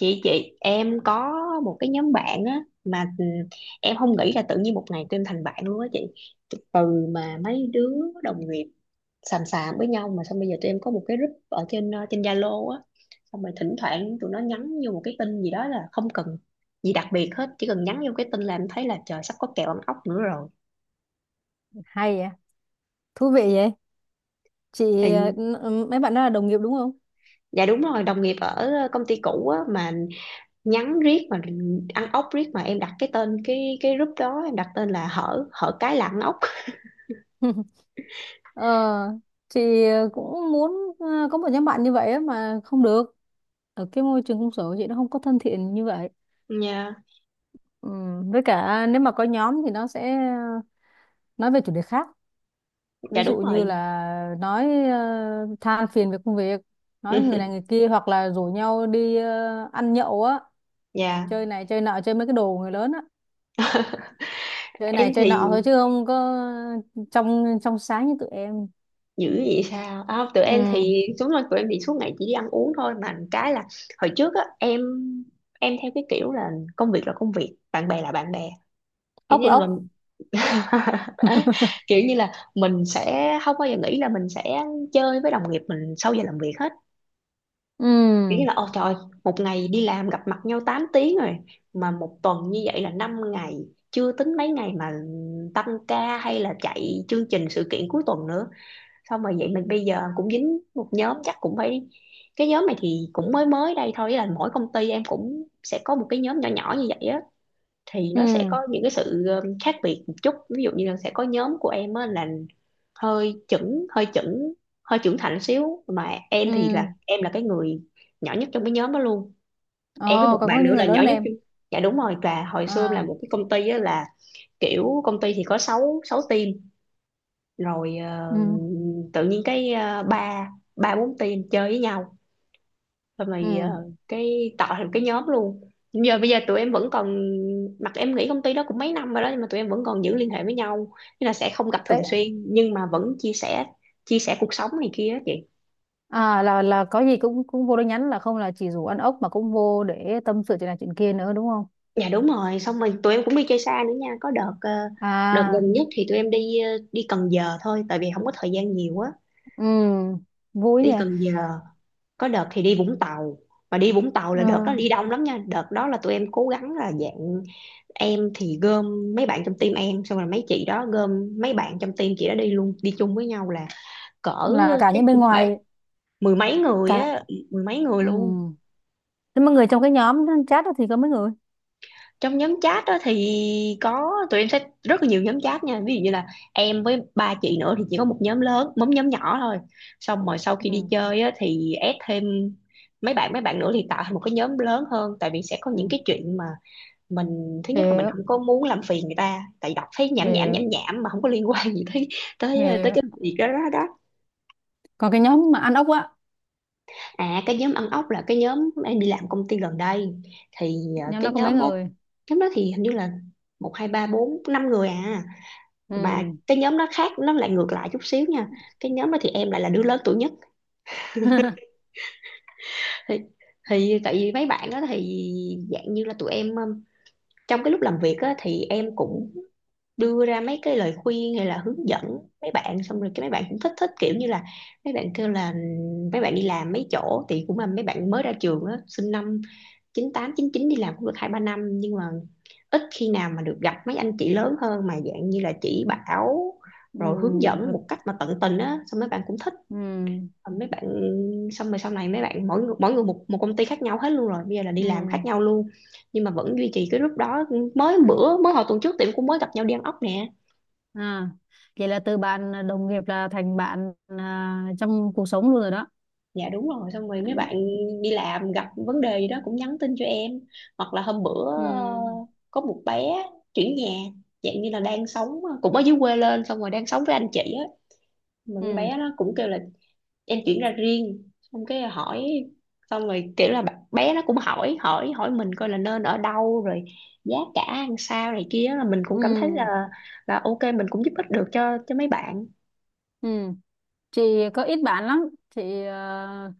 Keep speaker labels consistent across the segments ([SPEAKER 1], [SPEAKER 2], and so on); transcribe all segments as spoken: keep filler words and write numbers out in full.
[SPEAKER 1] chị chị em có một cái nhóm bạn á mà ừ, em không nghĩ là tự nhiên một ngày tụi em thành bạn luôn á chị. Từ mà mấy đứa đồng nghiệp xàm xàm với nhau mà xong bây giờ tụi em có một cái group ở trên ờ, trên Zalo á. Xong rồi thỉnh thoảng tụi nó nhắn vô một cái tin gì đó là không cần gì đặc biệt hết, chỉ cần nhắn vô cái tin là em thấy là trời sắp có kèo ăn ốc nữa rồi.
[SPEAKER 2] Hay vậy, thú vị vậy chị. Ờ,
[SPEAKER 1] Thì
[SPEAKER 2] n- mấy bạn đó là đồng nghiệp đúng không?
[SPEAKER 1] dạ đúng rồi, đồng nghiệp ở công ty cũ á mà. Nhắn riết mà ăn ốc riết mà em đặt cái tên cái cái group đó, em đặt tên là hở hở cái là ăn ốc.
[SPEAKER 2] Ờ, chị cũng muốn ờ, có một nhóm bạn như vậy á mà không được. Ở cái môi trường công sở của chị, nó không có thân thiện như vậy.
[SPEAKER 1] Dạ,
[SPEAKER 2] Ừ, với cả nếu mà có nhóm thì nó sẽ ờ, nói về chủ đề khác,
[SPEAKER 1] dạ
[SPEAKER 2] ví dụ
[SPEAKER 1] đúng
[SPEAKER 2] như
[SPEAKER 1] rồi.
[SPEAKER 2] là nói ờ, than phiền về công việc, nói người này người kia, hoặc là rủ nhau đi ờ, ăn nhậu á,
[SPEAKER 1] Dạ,
[SPEAKER 2] chơi này chơi nọ, chơi mấy cái đồ của người lớn á, chơi này
[SPEAKER 1] em
[SPEAKER 2] chơi nọ
[SPEAKER 1] thì
[SPEAKER 2] thôi chứ không có trong trong sáng như tụi em.
[SPEAKER 1] dữ vậy sao? À, tụi em
[SPEAKER 2] Ừ,
[SPEAKER 1] thì đúng rồi, tụi em thì suốt ngày chỉ đi ăn uống thôi mà cái là hồi trước á em em theo cái kiểu là công việc là công việc, bạn bè là bạn bè. Kiểu
[SPEAKER 2] ốc
[SPEAKER 1] như
[SPEAKER 2] là
[SPEAKER 1] là
[SPEAKER 2] ốc.
[SPEAKER 1] mình kiểu như là mình sẽ không bao giờ nghĩ là mình sẽ chơi với đồng nghiệp mình sau giờ làm việc hết.
[SPEAKER 2] Ừ,
[SPEAKER 1] Kiểu như là ôi trời, một ngày đi làm gặp mặt nhau tám tiếng rồi, mà một tuần như vậy là năm ngày, chưa tính mấy ngày mà tăng ca hay là chạy chương trình sự kiện cuối tuần nữa. Xong rồi vậy mình bây giờ cũng dính một nhóm chắc cũng phải. Cái nhóm này thì cũng mới mới đây thôi, ý là mỗi công ty em cũng sẽ có một cái nhóm nhỏ nhỏ như vậy á. Thì nó sẽ
[SPEAKER 2] ừ,
[SPEAKER 1] có những cái sự um, khác biệt một chút, ví dụ như là sẽ có nhóm của em á là hơi chững hơi chững hơi trưởng thành xíu, mà em
[SPEAKER 2] ừ.
[SPEAKER 1] thì là em là cái người nhỏ nhất trong cái nhóm đó luôn. Em với
[SPEAKER 2] Ồ,
[SPEAKER 1] một
[SPEAKER 2] còn có
[SPEAKER 1] bạn
[SPEAKER 2] những
[SPEAKER 1] nữa
[SPEAKER 2] người
[SPEAKER 1] là
[SPEAKER 2] lớn
[SPEAKER 1] nhỏ
[SPEAKER 2] hơn
[SPEAKER 1] nhất
[SPEAKER 2] em
[SPEAKER 1] trong- dạ đúng rồi. Và hồi xưa em làm
[SPEAKER 2] à?
[SPEAKER 1] một cái công ty á là kiểu công ty thì có sáu sáu team rồi ờ,
[SPEAKER 2] Ừ,
[SPEAKER 1] tự nhiên cái ờ, ba ba bốn team chơi với nhau rồi mày
[SPEAKER 2] ừ.
[SPEAKER 1] ờ, cái tạo thành cái nhóm luôn. Giờ bây giờ tụi em vẫn còn, mặc em nghĩ công ty đó cũng mấy năm rồi đó nhưng mà tụi em vẫn còn giữ liên hệ với nhau, nên là sẽ không gặp thường
[SPEAKER 2] Tệ.
[SPEAKER 1] xuyên nhưng mà vẫn chia sẻ chia sẻ cuộc sống này kia á chị.
[SPEAKER 2] À, là là có gì cũng cũng vô đó nhắn, là không là chỉ rủ ăn ốc mà cũng vô để tâm sự chuyện này chuyện kia nữa đúng không?
[SPEAKER 1] Dạ đúng rồi, xong rồi tụi em cũng đi chơi xa nữa nha. Có đợt ờ, đợt
[SPEAKER 2] À,
[SPEAKER 1] gần nhất thì tụi em đi ờ, đi Cần Giờ thôi tại vì không có thời gian nhiều á.
[SPEAKER 2] ừ, vui nhỉ.
[SPEAKER 1] Đi Cần Giờ, có đợt thì đi Vũng Tàu. Mà đi Vũng Tàu là
[SPEAKER 2] Ừ,
[SPEAKER 1] đợt đó đi đông lắm nha, đợt đó là tụi em cố gắng là dạng em thì gom mấy bạn trong team em xong rồi mấy chị đó gom mấy bạn trong team chị đó đi luôn, đi chung với nhau là cỡ
[SPEAKER 2] là cả
[SPEAKER 1] chắc
[SPEAKER 2] những bên
[SPEAKER 1] cũng phải
[SPEAKER 2] ngoài,
[SPEAKER 1] mười mấy người
[SPEAKER 2] cả.
[SPEAKER 1] á, mười mấy người
[SPEAKER 2] Ừ,
[SPEAKER 1] luôn.
[SPEAKER 2] thế mà người trong cái nhóm chat đó thì có mấy người?
[SPEAKER 1] Trong nhóm chat đó thì có tụi em sẽ rất là nhiều nhóm chat nha, ví dụ như là em với ba chị nữa thì chỉ có một nhóm lớn một nhóm nhỏ thôi. Xong rồi sau khi
[SPEAKER 2] Ừ,
[SPEAKER 1] đi chơi á, thì add thêm mấy bạn mấy bạn nữa thì tạo thành một cái nhóm lớn hơn, tại vì sẽ có những
[SPEAKER 2] ừ,
[SPEAKER 1] cái chuyện mà mình thứ nhất là mình
[SPEAKER 2] hiểu,
[SPEAKER 1] không có muốn làm phiền người ta, tại đọc thấy nhảm nhảm nhảm
[SPEAKER 2] hiểu,
[SPEAKER 1] nhảm mà không có liên quan gì tới tới tới
[SPEAKER 2] hiểu.
[SPEAKER 1] cái việc đó đó đó.
[SPEAKER 2] Còn cái nhóm mà ăn ốc á,
[SPEAKER 1] À cái nhóm ăn ốc là cái nhóm em đi làm công ty gần đây. Thì ờ,
[SPEAKER 2] nhóm
[SPEAKER 1] cái
[SPEAKER 2] đó có mấy
[SPEAKER 1] nhóm đó,
[SPEAKER 2] người?
[SPEAKER 1] nhóm đó thì hình như là một hai ba bốn năm người à. Mà
[SPEAKER 2] Ừ.
[SPEAKER 1] cái nhóm nó khác, nó lại ngược lại chút xíu nha, cái nhóm đó thì em lại là đứa lớn tuổi nhất. Thì, thì tại vì mấy bạn đó thì dạng như là tụi em um, trong cái lúc làm việc á, thì em cũng đưa ra mấy cái lời khuyên hay là hướng dẫn mấy bạn, xong rồi cái mấy bạn cũng thích thích kiểu như là mấy bạn kêu là mấy bạn đi làm mấy chỗ thì cũng là mấy bạn mới ra trường á, sinh năm chín tám chín chín, đi làm cũng được hai ba năm nhưng mà ít khi nào mà được gặp mấy anh chị lớn hơn mà dạng như là chỉ bảo
[SPEAKER 2] Ừ.
[SPEAKER 1] rồi hướng dẫn
[SPEAKER 2] Được.
[SPEAKER 1] một cách mà tận tình á, xong mấy bạn cũng thích.
[SPEAKER 2] Ừ,
[SPEAKER 1] Mấy bạn xong rồi sau này mấy bạn mỗi người, mỗi người một một công ty khác nhau hết luôn, rồi bây giờ là đi làm khác
[SPEAKER 2] ừ.
[SPEAKER 1] nhau luôn nhưng mà vẫn duy trì cái group đó. Mới bữa mới hồi tuần trước tiệm cũng mới gặp nhau đi ăn ốc nè.
[SPEAKER 2] À, vậy là từ bạn đồng nghiệp là thành bạn à, trong cuộc sống luôn rồi đó.
[SPEAKER 1] Dạ đúng rồi, xong rồi mấy bạn
[SPEAKER 2] Ừ,
[SPEAKER 1] đi làm gặp vấn đề gì đó cũng nhắn tin cho em, hoặc là hôm bữa
[SPEAKER 2] ừ,
[SPEAKER 1] ờ, có một bé chuyển nhà, dạng như là đang sống ờ, cũng ở dưới quê lên xong rồi đang sống với anh chị á. Mà con
[SPEAKER 2] ừ,
[SPEAKER 1] bé nó cũng kêu là em chuyển ra riêng, xong cái hỏi, xong rồi kiểu là bạn- bé nó cũng hỏi hỏi hỏi mình coi là nên ở đâu rồi giá cả ăn sao này kia, là mình cũng cảm thấy là
[SPEAKER 2] ừ,
[SPEAKER 1] là ok mình cũng giúp ích được cho cho mấy bạn.
[SPEAKER 2] ừ. Chị có ít bạn lắm chị à.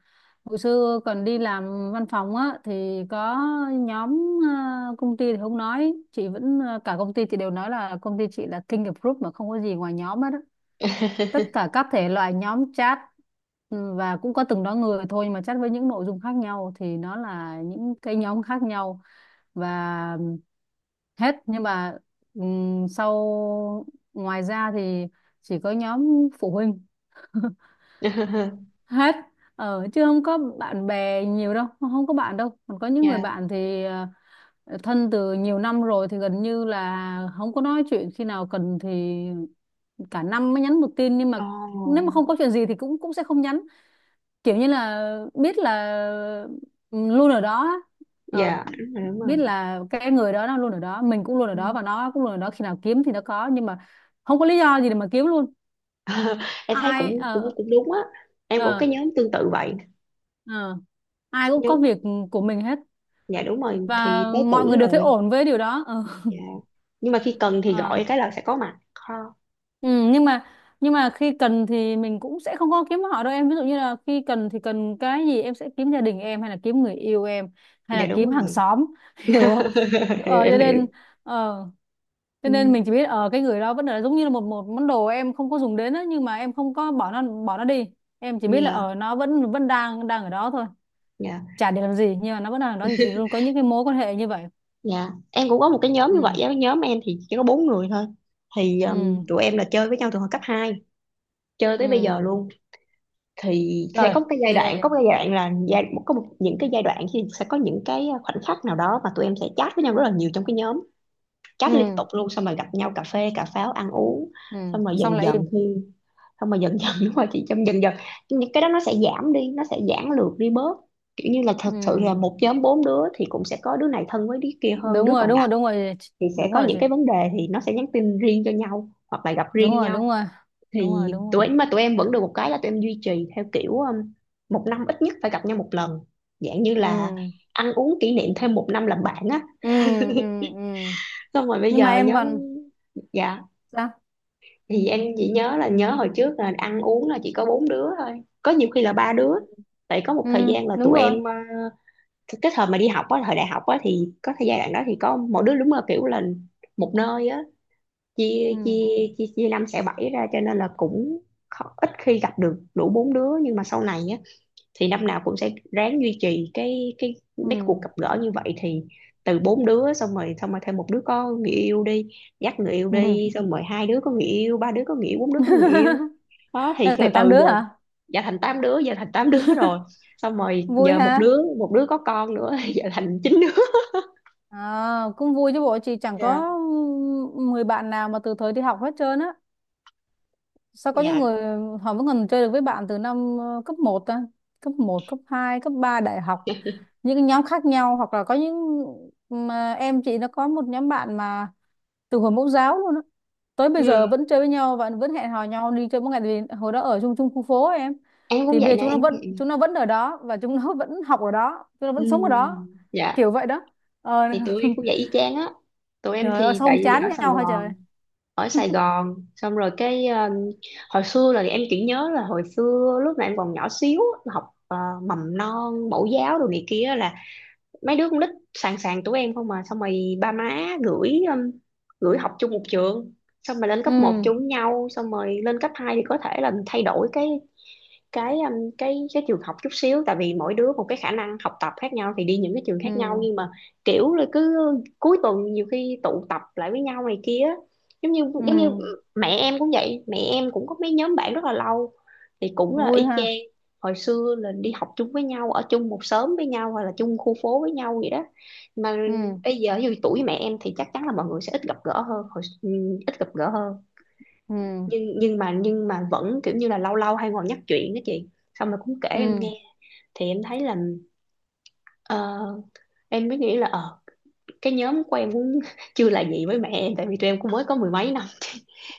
[SPEAKER 2] Hồi xưa còn đi làm văn phòng á thì có nhóm à, công ty thì không nói, chị vẫn à, cả công ty chị đều nói là công ty chị là king of group, mà không có gì ngoài nhóm hết á. Tất cả các thể loại nhóm chat. Ừ, và cũng có từng đó người thôi nhưng mà chat với những nội dung khác nhau thì nó là những cái nhóm khác nhau. Và hết nhưng mà ừm, sau, ngoài ra thì chỉ có nhóm phụ huynh hết. Ờ, chứ không có bạn bè nhiều đâu, không có bạn đâu. Còn có những người
[SPEAKER 1] Dạ.
[SPEAKER 2] bạn thì ờ, thân từ nhiều năm rồi thì gần như là không có nói chuyện, khi nào cần thì cả năm mới nhắn một tin. Nhưng mà nếu mà
[SPEAKER 1] Oh.
[SPEAKER 2] không có chuyện gì thì cũng cũng sẽ không nhắn. Kiểu như là biết là, ừ, luôn ở đó á. Ờ,
[SPEAKER 1] Dạ đúng rồi đúng
[SPEAKER 2] biết là cái người đó nó luôn ở đó, mình cũng luôn ở
[SPEAKER 1] rồi.
[SPEAKER 2] đó, và nó cũng luôn ở đó, khi nào kiếm thì nó có, nhưng mà không có lý do gì để mà kiếm luôn.
[SPEAKER 1] Em thấy
[SPEAKER 2] Ai
[SPEAKER 1] cũng cũng
[SPEAKER 2] ờ
[SPEAKER 1] cũng đúng á, em cũng
[SPEAKER 2] ờ
[SPEAKER 1] cái nhóm tương tự vậy.
[SPEAKER 2] Ờ, ai cũng có
[SPEAKER 1] Nhóm
[SPEAKER 2] việc của mình hết.
[SPEAKER 1] dạ đúng rồi,
[SPEAKER 2] Và
[SPEAKER 1] thì tới
[SPEAKER 2] mọi người
[SPEAKER 1] tuổi
[SPEAKER 2] đều thấy
[SPEAKER 1] rồi.
[SPEAKER 2] ổn với điều đó. Ờ,
[SPEAKER 1] Dạ. Nhưng mà khi cần thì
[SPEAKER 2] ờ.
[SPEAKER 1] gọi cái là sẽ có mặt ha.
[SPEAKER 2] Ừ, nhưng mà nhưng mà khi cần thì mình cũng sẽ không có kiếm họ đâu em. Ví dụ như là khi cần thì cần cái gì, em sẽ kiếm gia đình em, hay là kiếm người yêu em, hay
[SPEAKER 1] Dạ
[SPEAKER 2] là
[SPEAKER 1] đúng
[SPEAKER 2] kiếm hàng
[SPEAKER 1] rồi.
[SPEAKER 2] xóm. Hiểu không?
[SPEAKER 1] Hiểu,
[SPEAKER 2] Ờ, cho
[SPEAKER 1] em hiểu.
[SPEAKER 2] nên, ờ, cho nên
[SPEAKER 1] Ừ.
[SPEAKER 2] mình chỉ biết ở cái người đó vẫn là giống như là một một món đồ em không có dùng đến á, nhưng mà em không có bỏ nó, bỏ nó đi em chỉ biết là
[SPEAKER 1] Dạ
[SPEAKER 2] ở nó vẫn vẫn đang đang ở đó thôi,
[SPEAKER 1] dạ
[SPEAKER 2] chả để làm gì, nhưng mà nó vẫn đang ở đó. Thì chị luôn có những cái mối quan hệ như vậy.
[SPEAKER 1] dạ, em cũng có một cái nhóm như vậy á.
[SPEAKER 2] Ừ,
[SPEAKER 1] Cái nhóm em thì chỉ có bốn người thôi. Thì um,
[SPEAKER 2] ừ,
[SPEAKER 1] tụi em là chơi với nhau từ hồi cấp hai, chơi
[SPEAKER 2] ừ,
[SPEAKER 1] tới bây giờ luôn. Thì sẽ
[SPEAKER 2] rồi,
[SPEAKER 1] có một cái giai đoạn
[SPEAKER 2] ghê.
[SPEAKER 1] có một cái giai đoạn, là giai có một, những cái giai đoạn thì sẽ có những cái khoảnh khắc nào đó mà tụi em sẽ chat với nhau rất là nhiều trong cái nhóm, chat liên
[SPEAKER 2] Ừ,
[SPEAKER 1] tục luôn xong rồi gặp nhau cà phê cà pháo ăn uống.
[SPEAKER 2] ừ,
[SPEAKER 1] xong rồi
[SPEAKER 2] xong
[SPEAKER 1] dần
[SPEAKER 2] lại im.
[SPEAKER 1] dần thì Xong rồi dần dần đúng rồi chị, trong dần dần những cái đó nó sẽ giảm đi, nó sẽ giãn lược đi bớt. Kiểu như là thật sự là
[SPEAKER 2] Ừ,
[SPEAKER 1] một nhóm bốn đứa thì cũng sẽ có đứa này thân với đứa kia hơn
[SPEAKER 2] đúng
[SPEAKER 1] đứa
[SPEAKER 2] rồi,
[SPEAKER 1] còn
[SPEAKER 2] đúng rồi,
[SPEAKER 1] lại,
[SPEAKER 2] đúng rồi,
[SPEAKER 1] thì sẽ
[SPEAKER 2] đúng
[SPEAKER 1] có
[SPEAKER 2] rồi,
[SPEAKER 1] những cái vấn đề thì nó sẽ nhắn tin riêng cho nhau hoặc là gặp
[SPEAKER 2] đúng
[SPEAKER 1] riêng
[SPEAKER 2] rồi,
[SPEAKER 1] nhau.
[SPEAKER 2] đúng rồi, đúng rồi,
[SPEAKER 1] Thì
[SPEAKER 2] đúng
[SPEAKER 1] tụi
[SPEAKER 2] rồi.
[SPEAKER 1] em mà tụi em vẫn được một cái là tụi em duy trì theo kiểu um, một năm ít nhất phải gặp nhau một lần, dạng như là
[SPEAKER 2] Ừ,
[SPEAKER 1] ăn uống kỷ niệm thêm một năm làm bạn á.
[SPEAKER 2] ừ, ừ, ừ.
[SPEAKER 1] Xong rồi bây
[SPEAKER 2] Nhưng mà
[SPEAKER 1] giờ
[SPEAKER 2] em
[SPEAKER 1] nhóm
[SPEAKER 2] còn
[SPEAKER 1] dạ,
[SPEAKER 2] sao?
[SPEAKER 1] thì em chỉ nhớ là nhớ hồi trước là ăn uống là chỉ có bốn đứa thôi, có nhiều khi là ba đứa tại có một
[SPEAKER 2] Ừ,
[SPEAKER 1] thời gian là
[SPEAKER 2] đúng
[SPEAKER 1] tụi
[SPEAKER 2] rồi.
[SPEAKER 1] em ờ, cái cái thời mà đi học á, thời đại học á, thì có thời gian đó thì có mỗi đứa đúng là kiểu là một nơi á, chia
[SPEAKER 2] Ừ,
[SPEAKER 1] chia chia chia năm xẻ bảy ra cho nên là cũng khó, ít khi gặp được đủ bốn đứa. Nhưng mà sau này á thì năm nào cũng sẽ ráng duy trì cái cái mấy cuộc
[SPEAKER 2] ừ,
[SPEAKER 1] gặp gỡ như vậy. Thì từ bốn đứa xong rồi xong rồi thêm một đứa có người yêu đi, dắt người yêu
[SPEAKER 2] ừ.
[SPEAKER 1] đi, xong rồi hai đứa có người yêu, ba đứa có người yêu, bốn đứa có người yêu. Đó thì
[SPEAKER 2] Thế
[SPEAKER 1] từ
[SPEAKER 2] thành tám
[SPEAKER 1] từ
[SPEAKER 2] đứa
[SPEAKER 1] giờ,
[SPEAKER 2] hả?
[SPEAKER 1] giờ thành tám đứa, giờ thành tám đứa rồi, xong rồi
[SPEAKER 2] Vui
[SPEAKER 1] giờ một
[SPEAKER 2] ha.
[SPEAKER 1] đứa một đứa có con nữa. Giờ thành chín đứa.
[SPEAKER 2] À, cũng vui chứ bộ, chị chẳng
[SPEAKER 1] Dạ.
[SPEAKER 2] có mười bạn nào mà từ thời đi học hết trơn á. Sao có những
[SPEAKER 1] Dạ.
[SPEAKER 2] người họ vẫn còn chơi được với bạn từ năm ờ, cấp một ta? Cấp một, cấp hai, cấp ba, đại học. Những cái nhóm khác nhau, hoặc là có những, mà em chị nó có một nhóm bạn mà từ hồi mẫu giáo luôn á. Tới bây giờ
[SPEAKER 1] Ừ.
[SPEAKER 2] vẫn chơi với nhau và vẫn hẹn hò nhau đi chơi mỗi ngày, tại vì hồi đó ở chung chung khu phố ấy em.
[SPEAKER 1] Em cũng
[SPEAKER 2] Thì bây
[SPEAKER 1] vậy
[SPEAKER 2] giờ
[SPEAKER 1] nè,
[SPEAKER 2] chúng nó
[SPEAKER 1] em cũng
[SPEAKER 2] vẫn
[SPEAKER 1] vậy nè.
[SPEAKER 2] chúng nó vẫn ở đó, và chúng nó vẫn học ở đó, chúng nó
[SPEAKER 1] Ừ.
[SPEAKER 2] vẫn sống ở đó.
[SPEAKER 1] Dạ
[SPEAKER 2] Kiểu vậy đó. Ờ,
[SPEAKER 1] thì tụi em cũng vậy y chang á. Tụi em
[SPEAKER 2] trời ơi
[SPEAKER 1] thì
[SPEAKER 2] sao
[SPEAKER 1] tại
[SPEAKER 2] không
[SPEAKER 1] vì
[SPEAKER 2] chán
[SPEAKER 1] ở Sài
[SPEAKER 2] nhau hả trời.
[SPEAKER 1] Gòn, ở Sài Gòn xong rồi cái ờ, hồi xưa là em chỉ nhớ là hồi xưa lúc mà em còn nhỏ xíu, học ờ, mầm non mẫu giáo đồ này kia là mấy đứa con nít sàn sàn tụi em không, mà xong rồi ba má gửi um, gửi học chung một trường, xong rồi lên cấp một
[SPEAKER 2] Ừ,
[SPEAKER 1] chung với nhau, xong rồi lên cấp hai thì có thể là thay đổi cái cái um, cái cái trường học chút xíu tại vì mỗi đứa một cái khả năng học tập khác nhau thì đi những cái trường
[SPEAKER 2] ừ,
[SPEAKER 1] khác nhau. Nhưng mà kiểu là cứ cuối tuần nhiều khi tụ tập lại với nhau này kia á. giống như Giống như
[SPEAKER 2] ừ,
[SPEAKER 1] mẹ em cũng vậy, mẹ em cũng có mấy nhóm bạn rất là lâu, thì cũng là y
[SPEAKER 2] vui ha.
[SPEAKER 1] chang, hồi xưa là đi học chung với nhau ở chung một xóm với nhau hoặc là chung khu phố với nhau vậy đó. Mà
[SPEAKER 2] Ừ.
[SPEAKER 1] bây giờ dù tuổi mẹ em thì chắc chắn là mọi người sẽ ít gặp gỡ hơn hồi, ừm, ít gặp gỡ hơn,
[SPEAKER 2] Ừ.
[SPEAKER 1] nhưng nhưng mà nhưng mà vẫn kiểu như là lâu lâu hay ngồi nhắc chuyện đó chị, xong rồi cũng kể em
[SPEAKER 2] Ừ,
[SPEAKER 1] nghe. Thì em thấy là ờ, em mới nghĩ là ờ cái nhóm của em cũng chưa là gì với mẹ em, tại vì tụi em cũng mới có mười mấy năm,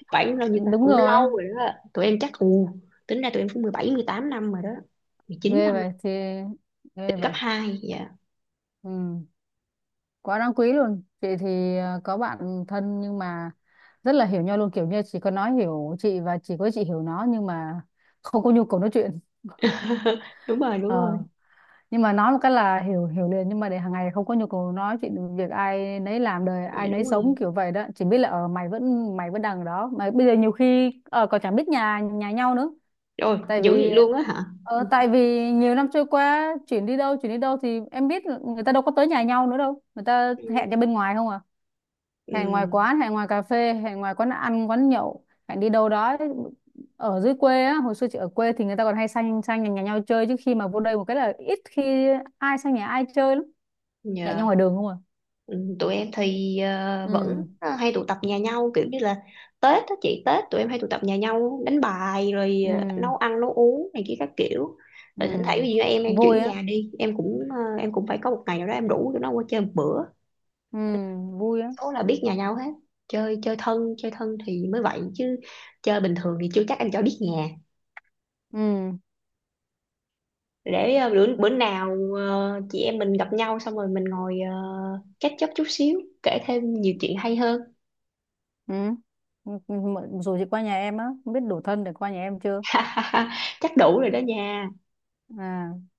[SPEAKER 1] khoảng bao nhiêu ta,
[SPEAKER 2] đúng
[SPEAKER 1] cũng
[SPEAKER 2] rồi,
[SPEAKER 1] lâu rồi đó, tụi em chắc ừ, tính ra tụi em cũng mười bảy mười tám năm rồi đó, mười chín
[SPEAKER 2] ghê
[SPEAKER 1] năm
[SPEAKER 2] vậy. Thì
[SPEAKER 1] từ
[SPEAKER 2] ghê
[SPEAKER 1] cấp
[SPEAKER 2] vậy.
[SPEAKER 1] hai.
[SPEAKER 2] Ừ, quá đáng quý luôn. Chị thì ờ, có bạn thân, nhưng mà rất là hiểu nhau luôn, kiểu như chỉ có nó hiểu chị và chỉ có chị hiểu nó, nhưng mà không có nhu cầu nói chuyện.
[SPEAKER 1] Đúng rồi đúng rồi.
[SPEAKER 2] Ờ, nhưng mà nói một cái là hiểu hiểu liền, nhưng mà để hàng ngày không có nhu cầu nói chuyện, việc ai nấy làm, đời ai
[SPEAKER 1] Dạ
[SPEAKER 2] nấy
[SPEAKER 1] đúng rồi.
[SPEAKER 2] sống, kiểu vậy đó. Chỉ biết là ở mày vẫn, mày vẫn đằng đó, mà bây giờ nhiều khi ờ còn chẳng biết nhà nhà nhau nữa.
[SPEAKER 1] Rồi
[SPEAKER 2] Tại
[SPEAKER 1] dữ
[SPEAKER 2] vì
[SPEAKER 1] vậy luôn á hả.
[SPEAKER 2] ờ, tại vì nhiều năm trôi qua, chuyển đi đâu, chuyển đi đâu thì em biết là người ta đâu có tới nhà nhau nữa đâu, người ta
[SPEAKER 1] Ừ,
[SPEAKER 2] hẹn ra bên ngoài không à. Hẹn
[SPEAKER 1] Ừ,
[SPEAKER 2] ngoài quán, hẹn ngoài cà phê, hẹn ngoài quán ăn quán nhậu, hẹn đi đâu đó. Ở dưới quê á, hồi xưa chị ở quê thì người ta còn hay sang, sang nhà, nhà nhau chơi, chứ khi mà vô đây một cái là ít khi ai sang nhà ai chơi lắm. Hẹn nhau
[SPEAKER 1] nhờ,
[SPEAKER 2] ngoài đường không à.
[SPEAKER 1] Ừ. Tụi em thì ờ, vẫn
[SPEAKER 2] Ừ,
[SPEAKER 1] ờ, hay tụ tập nhà nhau, kiểu như là Tết đó chị, Tết tụi em hay tụ tập nhà nhau đánh bài rồi
[SPEAKER 2] ừ,
[SPEAKER 1] ờ, nấu ăn nấu uống này kia các kiểu.
[SPEAKER 2] ừ,
[SPEAKER 1] Rồi thỉnh thoảng ví dụ em em chuyển
[SPEAKER 2] vui á.
[SPEAKER 1] nhà đi em cũng ờ, em cũng phải có một ngày nào đó em rủ tụi nó qua chơi một bữa.
[SPEAKER 2] Ừ, vui á.
[SPEAKER 1] Số là biết nhà nhau hết chơi, chơi thân chơi thân thì mới vậy chứ, chơi bình thường thì chưa chắc em cho biết nhà.
[SPEAKER 2] Ừ,
[SPEAKER 1] Để ờ, bữa bữa nào ờ, chị em mình gặp nhau xong rồi mình ngồi uh, catch up chút xíu kể thêm nhiều chuyện hay hơn.
[SPEAKER 2] ừ. Ừ, dù chị qua nhà em á, không biết đủ thân để qua nhà em chưa?
[SPEAKER 1] Chắc đủ rồi đó nha.
[SPEAKER 2] À.